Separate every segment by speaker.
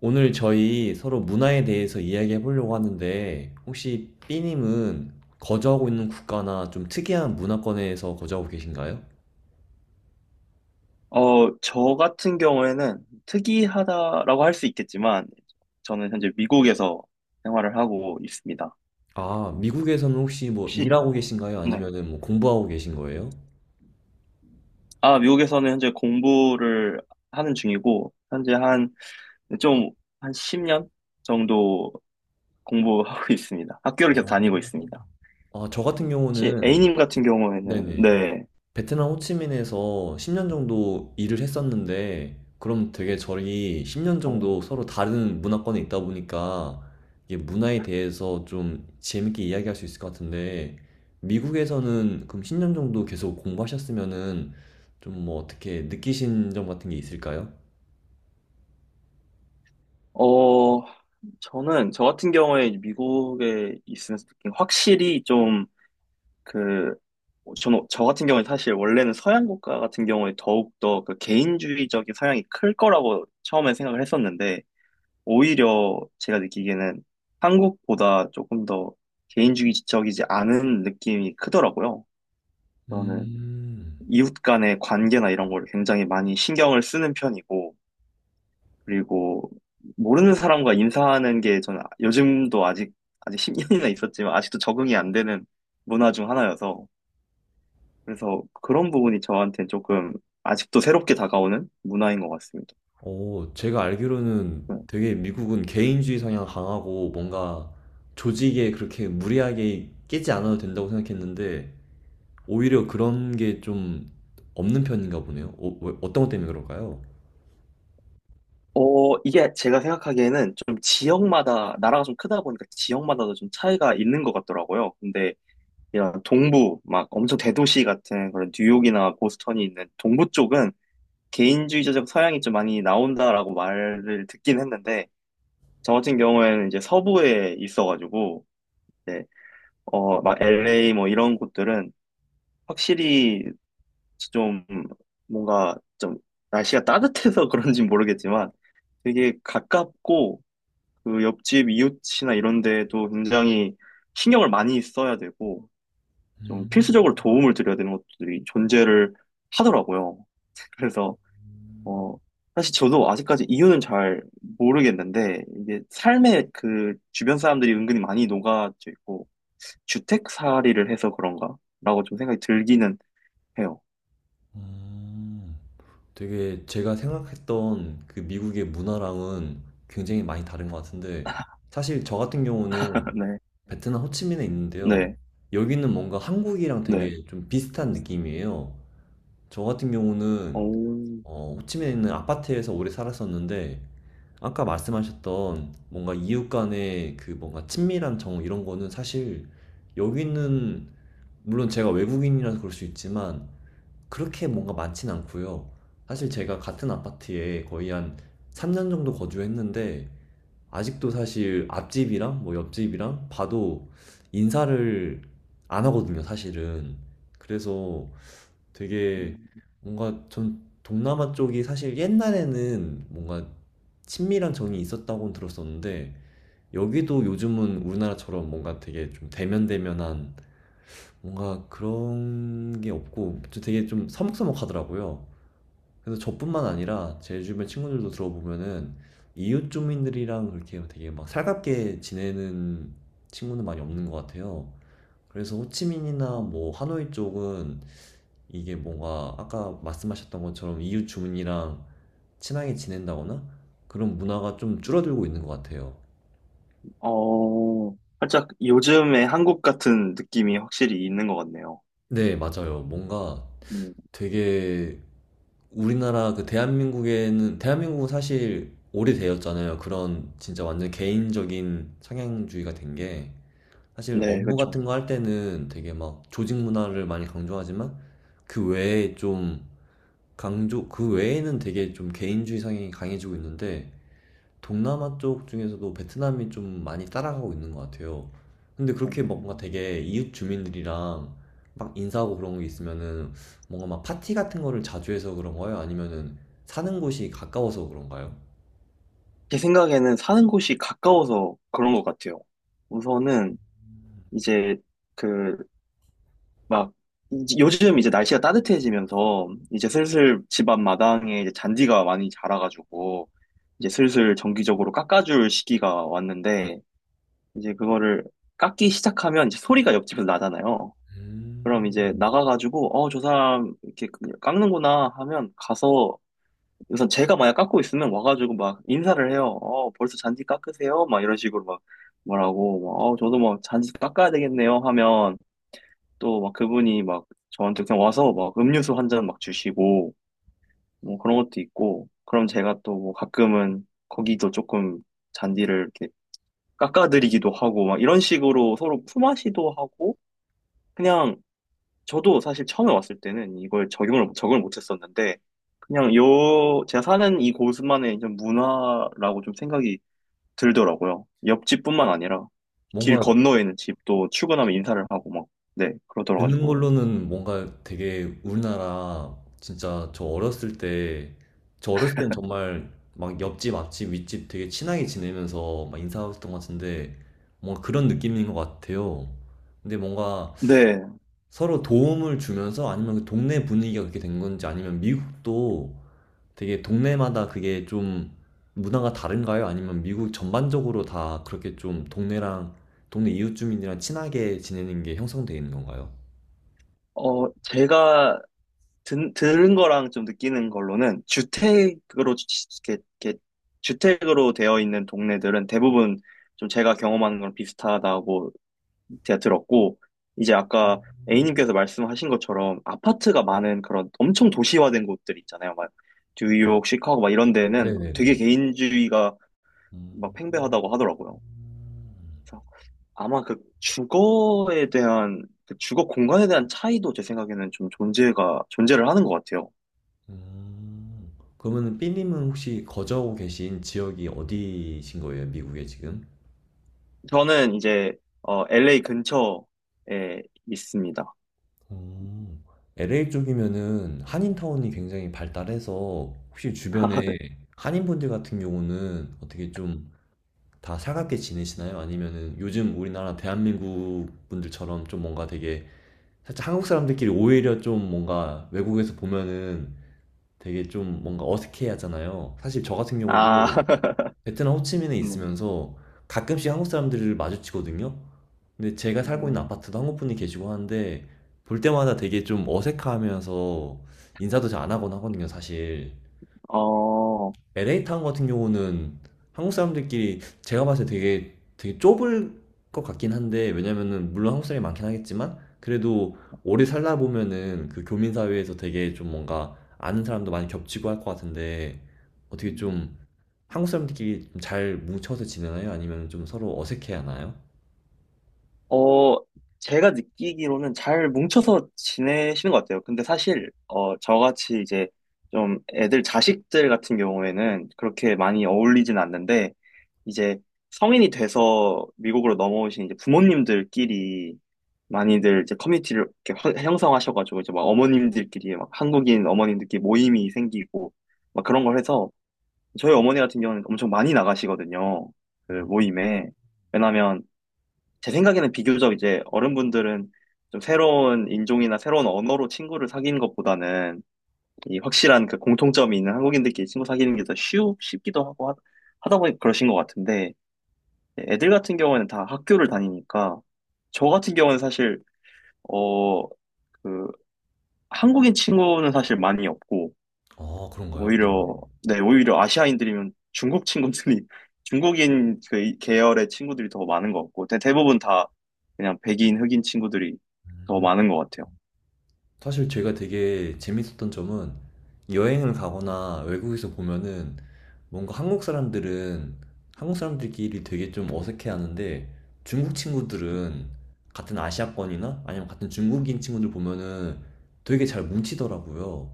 Speaker 1: 오늘 저희 서로 문화에 대해서 이야기해 보려고 하는데, 혹시 B님은 거주하고 있는 국가나 좀 특이한 문화권에서 거주하고 계신가요?
Speaker 2: 저 같은 경우에는 특이하다라고 할 수 있겠지만, 저는 현재 미국에서 생활을 하고 있습니다.
Speaker 1: 아, 미국에서는 혹시 뭐
Speaker 2: 혹시,
Speaker 1: 일하고 계신가요?
Speaker 2: 네.
Speaker 1: 아니면은 뭐 공부하고 계신 거예요?
Speaker 2: 아, 미국에서는 현재 공부를 하는 중이고, 현재 좀, 한 10년 정도 공부하고 있습니다. 학교를 계속 다니고 있습니다.
Speaker 1: 아, 저 같은
Speaker 2: 혹시
Speaker 1: 경우는,
Speaker 2: A님 같은 경우에는,
Speaker 1: 네네.
Speaker 2: 네.
Speaker 1: 베트남 호치민에서 10년 정도 일을 했었는데, 그럼 되게 저희 10년 정도
Speaker 2: 어,
Speaker 1: 서로 다른 문화권에 있다 보니까, 이게 문화에 대해서 좀 재밌게 이야기할 수 있을 것 같은데, 미국에서는 그럼 10년 정도 계속 공부하셨으면은, 좀 뭐 어떻게 느끼신 점 같은 게 있을까요?
Speaker 2: 어, 저 같은 경우에 미국에 있으면서 느낀 확실히 좀, 그, 저 같은 경우에 사실 원래는 서양 국가 같은 경우에 더욱더 그 개인주의적인 성향이 클 거라고 처음에 생각을 했었는데, 오히려 제가 느끼기에는 한국보다 조금 더 개인주의적이지 않은 느낌이 크더라고요. 저는
Speaker 1: 음,
Speaker 2: 이웃 간의 관계나 이런 걸 굉장히 많이 신경을 쓰는 편이고, 그리고 모르는 사람과 인사하는 게 저는 요즘도 아직 10년이나 있었지만 아직도 적응이 안 되는 문화 중 하나여서, 그래서 그런 부분이 저한테 조금 아직도 새롭게 다가오는 문화인 것 같습니다.
Speaker 1: 제가 알기로는
Speaker 2: 네.
Speaker 1: 되게 미국은 개인주의 성향 강하고 뭔가 조직에 그렇게 무리하게 끼지 않아도 된다고 생각했는데, 오히려 그런 게 좀 없는 편인가 보네요. 어떤 것 때문에 그럴까요?
Speaker 2: 이게 제가 생각하기에는 좀 지역마다, 나라가 좀 크다 보니까 지역마다도 좀 차이가 있는 것 같더라고요. 근데 이런 동부, 막 엄청 대도시 같은 그런 뉴욕이나 보스턴이 있는 동부 쪽은 개인주의적 서양이 좀 많이 나온다라고 말을 듣긴 했는데, 저 같은 경우에는 이제 서부에 있어가지고, 이제 막 LA 뭐 이런 곳들은 확실히 좀 뭔가 좀 날씨가 따뜻해서 그런지 모르겠지만 되게 가깝고 그 옆집 이웃이나 이런 데에도 굉장히 신경을 많이 써야 되고 좀
Speaker 1: 음,
Speaker 2: 필수적으로 도움을 드려야 되는 것들이 존재를 하더라고요. 그래서 어 사실 저도 아직까지 이유는 잘 모르겠는데 이게 삶에 그 주변 사람들이 은근히 많이 녹아져 있고 주택살이를 해서 그런가라고 좀 생각이 들기는 해요.
Speaker 1: 음. 되게 제가 생각했던 그 미국의 문화랑은 굉장히 많이 다른 것 같은데, 사실 저 같은 경우는
Speaker 2: 네,
Speaker 1: 베트남 호치민에 있는데요.
Speaker 2: 네,
Speaker 1: 여기는 뭔가 한국이랑
Speaker 2: 네.
Speaker 1: 되게 좀 비슷한 느낌이에요. 저 같은 경우는
Speaker 2: 오.
Speaker 1: 호치민에 있는 아파트에서 오래 살았었는데, 아까 말씀하셨던 뭔가 이웃 간의 그 뭔가 친밀한 정을 이런 거는 사실 여기는 물론 제가 외국인이라서 그럴 수 있지만 그렇게 뭔가 많진 않고요. 사실 제가 같은 아파트에 거의 한 3년 정도 거주했는데, 아직도 사실 앞집이랑 뭐 옆집이랑 봐도 인사를 안 하거든요, 사실은. 그래서
Speaker 2: 음,
Speaker 1: 되게 뭔가 전 동남아 쪽이 사실 옛날에는 뭔가 친밀한 정이 있었다고 들었었는데, 여기도 요즘은 우리나라처럼 뭔가 되게 좀 대면대면한 뭔가 그런 게 없고, 저 되게 좀 서먹서먹하더라고요. 그래서 저뿐만 아니라 제 주변 친구들도 들어보면은 이웃 주민들이랑 그렇게 되게 막 살갑게 지내는 친구는 많이 없는 것 같아요. 그래서 호치민이나
Speaker 2: 음.
Speaker 1: 뭐 하노이 쪽은 이게 뭔가 아까 말씀하셨던 것처럼 이웃 주민이랑 친하게 지낸다거나 그런 문화가 좀 줄어들고 있는 것 같아요.
Speaker 2: 살짝 요즘의 한국 같은 느낌이 확실히 있는 것 같네요.
Speaker 1: 네, 맞아요. 뭔가
Speaker 2: 음,
Speaker 1: 되게 우리나라 그 대한민국에는 대한민국은 사실 오래되었잖아요. 그런 진짜 완전 개인적인 상향주의가 된 게, 사실
Speaker 2: 네,
Speaker 1: 업무
Speaker 2: 그쵸.
Speaker 1: 같은 거 할 때는 되게 막 조직 문화를 많이 강조하지만, 그 외에 좀 강조 그 외에는 되게 좀 개인주의 성향이 강해지고 있는데, 동남아 쪽 중에서도 베트남이 좀 많이 따라가고 있는 것 같아요. 근데 그렇게 막 뭔가
Speaker 2: 음,
Speaker 1: 되게 이웃 주민들이랑 막 인사하고 그런 게 있으면은, 뭔가 막 파티 같은 거를 자주 해서 그런가요? 아니면은 사는 곳이 가까워서 그런가요?
Speaker 2: 제 생각에는 사는 곳이 가까워서 그런 것 같아요. 우선은 이제 그, 막, 요즘 이제 날씨가 따뜻해지면서 이제 슬슬 집 앞 마당에 이제 잔디가 많이 자라가지고 이제 슬슬 정기적으로 깎아줄 시기가 왔는데 이제 그거를 깎기 시작하면 이제 소리가 옆집에서 나잖아요. 그럼
Speaker 1: 음,
Speaker 2: 이제 나가가지고, 저 사람 이렇게 깎는구나 하면 가서, 우선 제가 만약 깎고 있으면 와가지고 막 인사를 해요. 어, 벌써 잔디 깎으세요? 막 이런 식으로 막 말하고, 막, 저도 막 잔디 깎아야 되겠네요 하면 또 막 그분이 막 저한테 그냥 와서 막 음료수 한 잔 막 주시고, 뭐 그런 것도 있고, 그럼 제가 또 뭐 가끔은 거기도 조금 잔디를 이렇게 깎아드리기도 하고, 막 이런 식으로 서로 품앗이도 하고, 그냥 저도 사실 처음에 왔을 때는 이걸 적응을 못 했었는데, 그냥 요, 제가 사는 이 곳만의 좀 문화라고 좀 생각이 들더라고요. 옆집뿐만 아니라, 길
Speaker 1: 뭔가
Speaker 2: 건너에 있는 집도 출근하면 인사를 하고 막, 네,
Speaker 1: 듣는
Speaker 2: 그러더라가지고.
Speaker 1: 걸로는 뭔가 되게 우리나라 진짜 저 어렸을 땐 정말 막 옆집, 앞집, 윗집 되게 친하게 지내면서 막 인사했던 것 같은데, 뭔가 그런 느낌인 것 같아요. 근데 뭔가
Speaker 2: 네,
Speaker 1: 서로 도움을 주면서, 아니면 그 동네 분위기가 그렇게 된 건지, 아니면 미국도 되게 동네마다 그게 좀 문화가 다른가요? 아니면 미국 전반적으로 다 그렇게 좀 동네랑 동네 이웃 주민이랑 친하게 지내는 게 형성되어 있는 건가요?
Speaker 2: 제가 들은 거랑 좀 느끼는 걸로는, 주택으로, 이렇게 주택으로 되어 있는 동네들은 대부분 좀 제가 경험하는 거랑 비슷하다고 제가 들었고, 이제 아까 A님께서 말씀하신 것처럼 아파트가 많은 그런 엄청 도시화된 곳들 있잖아요. 막 뉴욕, 시카고 막 이런 데는 되게
Speaker 1: 네네네.
Speaker 2: 개인주의가 막
Speaker 1: 음,
Speaker 2: 팽배하다고 하더라고요. 그래서 아마 그 주거에 대한, 그 주거 공간에 대한 차이도 제 생각에는 좀 존재를 하는 것 같아요.
Speaker 1: 음. 그러면 삐님은 혹시 거주하고 계신 지역이 어디신 거예요? 미국에 지금?
Speaker 2: 저는 이제, LA 근처에 있습니다.
Speaker 1: 음. LA 쪽이면은 한인타운이 굉장히 발달해서, 혹시 주변에 한인분들 같은 경우는 어떻게 좀 다 살갑게 지내시나요? 아니면은 요즘 우리나라 대한민국 분들처럼 좀 뭔가 되게 살짝, 한국 사람들끼리 오히려 좀 뭔가 외국에서 보면은 되게 좀 뭔가 어색해 하잖아요. 사실 저 같은 경우도
Speaker 2: 아,
Speaker 1: 베트남 호치민에
Speaker 2: 네.
Speaker 1: 있으면서 가끔씩 한국 사람들을 마주치거든요. 근데 제가 살고 있는
Speaker 2: 음,
Speaker 1: 아파트도 한국 분이 계시고 하는데, 볼 때마다 되게 좀 어색하면서 인사도 잘 안 하곤 하거든요, 사실.
Speaker 2: 어,
Speaker 1: LA 타운 같은 경우는 한국 사람들끼리 제가 봤을 때 되게 되게 좁을 것 같긴 한데, 왜냐면은 물론 한국 사람이 많긴 하겠지만, 그래도 오래 살다 보면은 그 교민 사회에서 되게 좀 뭔가 아는 사람도 많이 겹치고 할 것 같은데, 어떻게 좀 한국 사람들끼리 좀 잘 뭉쳐서 지내나요? 아니면 좀 서로 어색해 하나요?
Speaker 2: 어, 제가 느끼기로는 잘 뭉쳐서 지내시는 것 같아요. 근데 사실, 저같이 이제 좀 애들 자식들 같은 경우에는 그렇게 많이 어울리진 않는데, 이제 성인이 돼서 미국으로 넘어오신 이제 부모님들끼리 많이들 이제 커뮤니티를 이렇게 형성하셔가지고 이제 막 어머님들끼리 막 한국인 어머님들끼리 모임이 생기고 막 그런 걸 해서 저희 어머니 같은 경우는 엄청 많이 나가시거든요. 그 모임에. 왜냐면 제 생각에는 비교적 이제 어른분들은 좀 새로운 인종이나 새로운 언어로 친구를 사귀는 것보다는 이 확실한 그 공통점이 있는 한국인들끼리 친구 사귀는 게 더 쉽기도 하고 하다 보니 그러신 것 같은데 애들 같은 경우에는 다 학교를 다니니까 저 같은 경우는 사실 어, 그 한국인 친구는 사실 많이 없고
Speaker 1: 아, 그런가요? 네.
Speaker 2: 오히려, 네, 오히려 아시아인들이면 중국 친구들이, 중국인 그 계열의 친구들이 더 많은 것 같고, 대부분 다 그냥 백인, 흑인 친구들이 더 많은 것 같아요.
Speaker 1: 사실 제가 되게 재밌었던 점은, 여행을 가거나 외국에서 보면은 뭔가 한국 사람들은 한국 사람들끼리 되게 좀 어색해하는데, 중국 친구들은 같은 아시아권이나 아니면 같은 중국인 친구들 보면은 되게 잘 뭉치더라고요.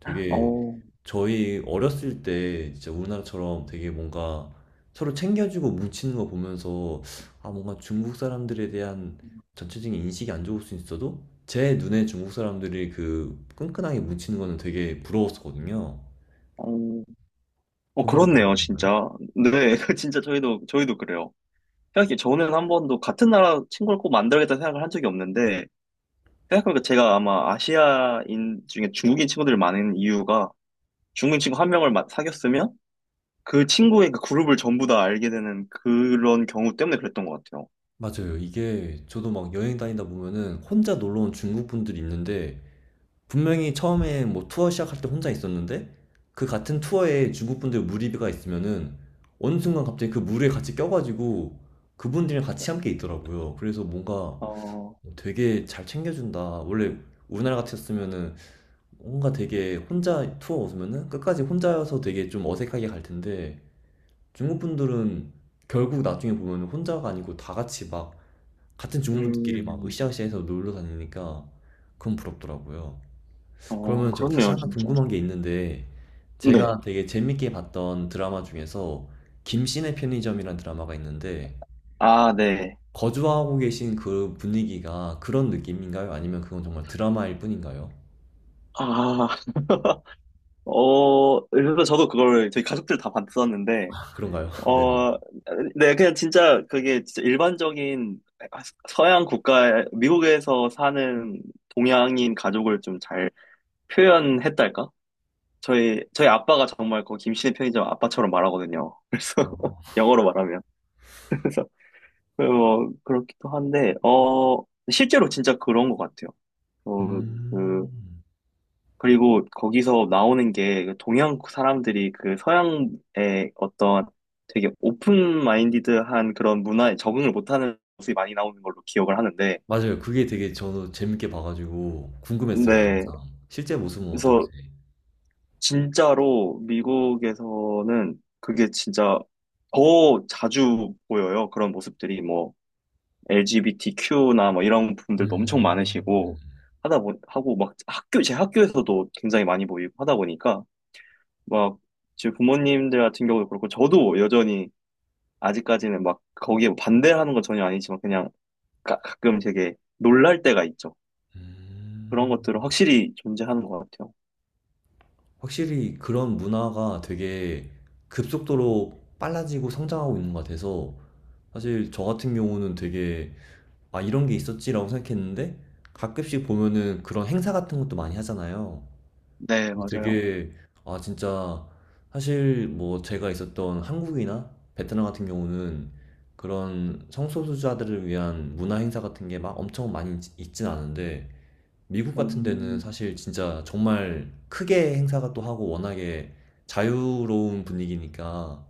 Speaker 1: 되게
Speaker 2: 어,
Speaker 1: 저희 어렸을 때 진짜 우리나라처럼 되게 뭔가 서로 챙겨주고 뭉치는 거 보면서, 아 뭔가 중국 사람들에 대한 전체적인 인식이 안 좋을 수 있어도 제 눈에 중국 사람들이 그 끈끈하게 뭉치는 거는 되게 부러웠었거든요.
Speaker 2: 어,
Speaker 1: 거기도 그런
Speaker 2: 그렇네요, 진짜. 네, 진짜 저희도 그래요. 저는 한 번도 같은 나라 친구를 꼭 만들겠다 생각을 한 적이 없는데, 생각해보니까 제가 아마 아시아인 중에 중국인 친구들이 많은 이유가 중국인 친구 한 명을 사귀었으면 그 친구의 그 그룹을 전부 다 알게 되는 그런 경우 때문에 그랬던 것 같아요.
Speaker 1: 맞아요. 이게 저도 막 여행 다니다 보면은 혼자 놀러 온 중국 분들이 있는데, 분명히 처음에 뭐 투어 시작할 때 혼자 있었는데, 그 같은 투어에 중국 분들 무리가 있으면은 어느 순간 갑자기 그 무리에 같이 껴가지고 그분들이랑 같이 함께 있더라고요. 그래서 뭔가
Speaker 2: 어,
Speaker 1: 되게 잘 챙겨준다. 원래 우리나라 같았으면은 뭔가 되게 혼자 투어 오면은 끝까지 혼자여서 되게 좀 어색하게 갈 텐데, 중국 분들은 결국 나중에 보면 혼자가 아니고 다 같이 막 같은 중국분들끼리 막
Speaker 2: 음,
Speaker 1: 으쌰으쌰해서 놀러 다니니까, 그건 부럽더라고요. 그러면 저 사실
Speaker 2: 그렇네요,
Speaker 1: 하나
Speaker 2: 진짜.
Speaker 1: 궁금한 게 있는데,
Speaker 2: 네.
Speaker 1: 제가 되게 재밌게 봤던 드라마 중에서 김씨네 편의점이라는 드라마가 있는데,
Speaker 2: 아, 네.
Speaker 1: 거주하고 계신 그 분위기가 그런 느낌인가요? 아니면 그건 정말 드라마일 뿐인가요?
Speaker 2: 아, 그래서 저도 그걸 저희 가족들 다 봤었는데,
Speaker 1: 아, 그런가요? 네네.
Speaker 2: 어, 네, 그냥 진짜 그게 진짜 일반적인 서양 국가, 미국에서 사는 동양인 가족을 좀 잘 표현했달까? 저희 아빠가 정말 그 김씨의 편의점 아빠처럼 말하거든요. 그래서
Speaker 1: 어.
Speaker 2: 영어로 말하면. 그래서 그렇기도 한데 실제로 진짜 그런 것 같아요. 어 그
Speaker 1: 음.
Speaker 2: 그리고 거기서 나오는 게그 동양 사람들이 그 서양의 어떤 되게 오픈 마인디드한 그런 문화에 적응을 못하는 모습이 많이 나오는 걸로 기억을 하는데,
Speaker 1: 맞아요. 그게 되게 저도 재밌게 봐가지고 궁금했어요,
Speaker 2: 네,
Speaker 1: 항상. 실제 모습은 어떨지.
Speaker 2: 그래서 진짜로 미국에서는 그게 진짜 더 자주 보여요. 그런 모습들이 뭐 LGBTQ나 뭐 이런 분들도 엄청 많으시고
Speaker 1: 음.
Speaker 2: 하고 막 학교 제 학교에서도 굉장히 많이 보이고 하다 보니까 막 제 부모님들 같은 경우도 그렇고 저도 여전히 아직까지는 막 거기에 뭐 반대하는 건 전혀 아니지만 그냥 가끔 되게 놀랄 때가 있죠. 그런
Speaker 1: 음.
Speaker 2: 것들은 확실히 존재하는 것 같아요.
Speaker 1: 확실히 그런 문화가 되게 급속도로 빨라지고 성장하고 있는 것 같아서, 사실 저 같은 경우는 되게, 아, 이런 게 있었지라고 생각했는데, 가끔씩 보면은 그런 행사 같은 것도 많이 하잖아요.
Speaker 2: 네,
Speaker 1: 그래서
Speaker 2: 맞아요.
Speaker 1: 되게, 아, 진짜, 사실 뭐 제가 있었던 한국이나 베트남 같은 경우는 그런 성소수자들을 위한 문화 행사 같은 게 막 엄청 많이 있진 않은데, 미국 같은 데는
Speaker 2: 음,
Speaker 1: 사실 진짜 정말 크게 행사가 또 하고 워낙에 자유로운 분위기니까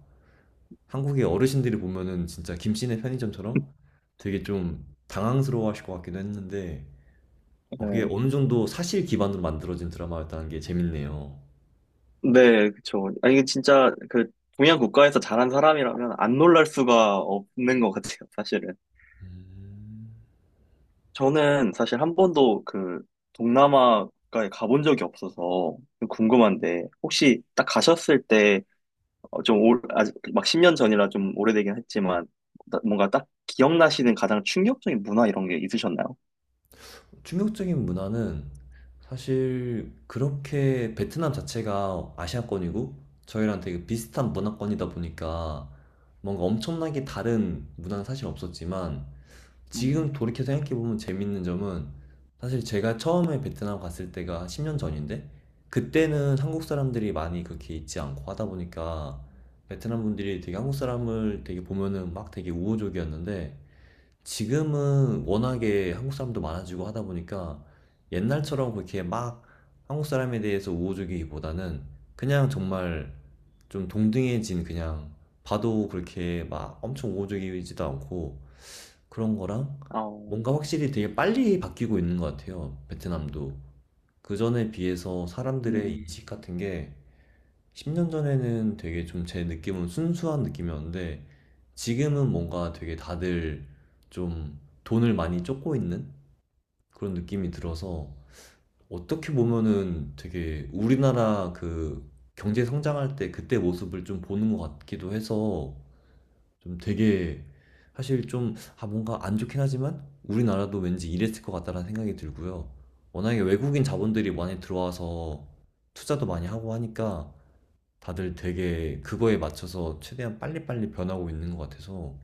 Speaker 1: 한국의 어르신들이 보면은 진짜 김씨네 편의점처럼 되게 좀 당황스러워 하실 것 같기도 했는데, 그게
Speaker 2: 네.
Speaker 1: 어느 정도 사실 기반으로 만들어진 드라마였다는 게 재밌네요.
Speaker 2: 네, 그쵸. 아니, 이게 진짜 그 동양 국가에서 자란 사람이라면 안 놀랄 수가 없는 것 같아요, 사실은. 저는 사실 한 번도 그 동남아가에 가본 적이 없어서 좀 궁금한데 혹시 딱 가셨을 때 좀 아직 막 10년 전이라 좀 오래되긴 했지만 뭔가 딱 기억나시는 가장 충격적인 문화 이런 게 있으셨나요?
Speaker 1: 충격적인 문화는 사실 그렇게 베트남 자체가 아시아권이고 저희랑 되게 비슷한 문화권이다 보니까 뭔가 엄청나게 다른 문화는 사실 없었지만,
Speaker 2: 음,
Speaker 1: 지금 돌이켜 생각해보면 재밌는 점은, 사실 제가 처음에 베트남 갔을 때가 10년 전인데, 그때는 한국 사람들이 많이 그렇게 있지 않고 하다 보니까 베트남 분들이 되게 한국 사람을 되게 보면은 막 되게 우호적이었는데, 지금은 워낙에 한국 사람도 많아지고 하다 보니까 옛날처럼 그렇게 막 한국 사람에 대해서 우호적이기보다는 그냥 정말 좀 동등해진, 그냥 봐도 그렇게 막 엄청 우호적이지도 않고 그런 거랑,
Speaker 2: 어,
Speaker 1: 뭔가 확실히 되게 빨리 바뀌고 있는 것 같아요. 베트남도. 그전에 비해서 사람들의
Speaker 2: 음,
Speaker 1: 인식 같은 게 10년 전에는 되게 좀 제 느낌은 순수한 느낌이었는데, 지금은 뭔가 되게 다들 좀 돈을 많이 쫓고 있는 그런 느낌이 들어서, 어떻게 보면은 되게 우리나라 그 경제 성장할 때 그때 모습을 좀 보는 것 같기도 해서, 좀 되게, 사실 좀, 아 뭔가 안 좋긴 하지만 우리나라도 왠지 이랬을 것 같다라는 생각이 들고요. 워낙에 외국인 자본들이 많이 들어와서 투자도 많이 하고 하니까 다들 되게 그거에 맞춰서 최대한 빨리빨리 변하고 있는 것 같아서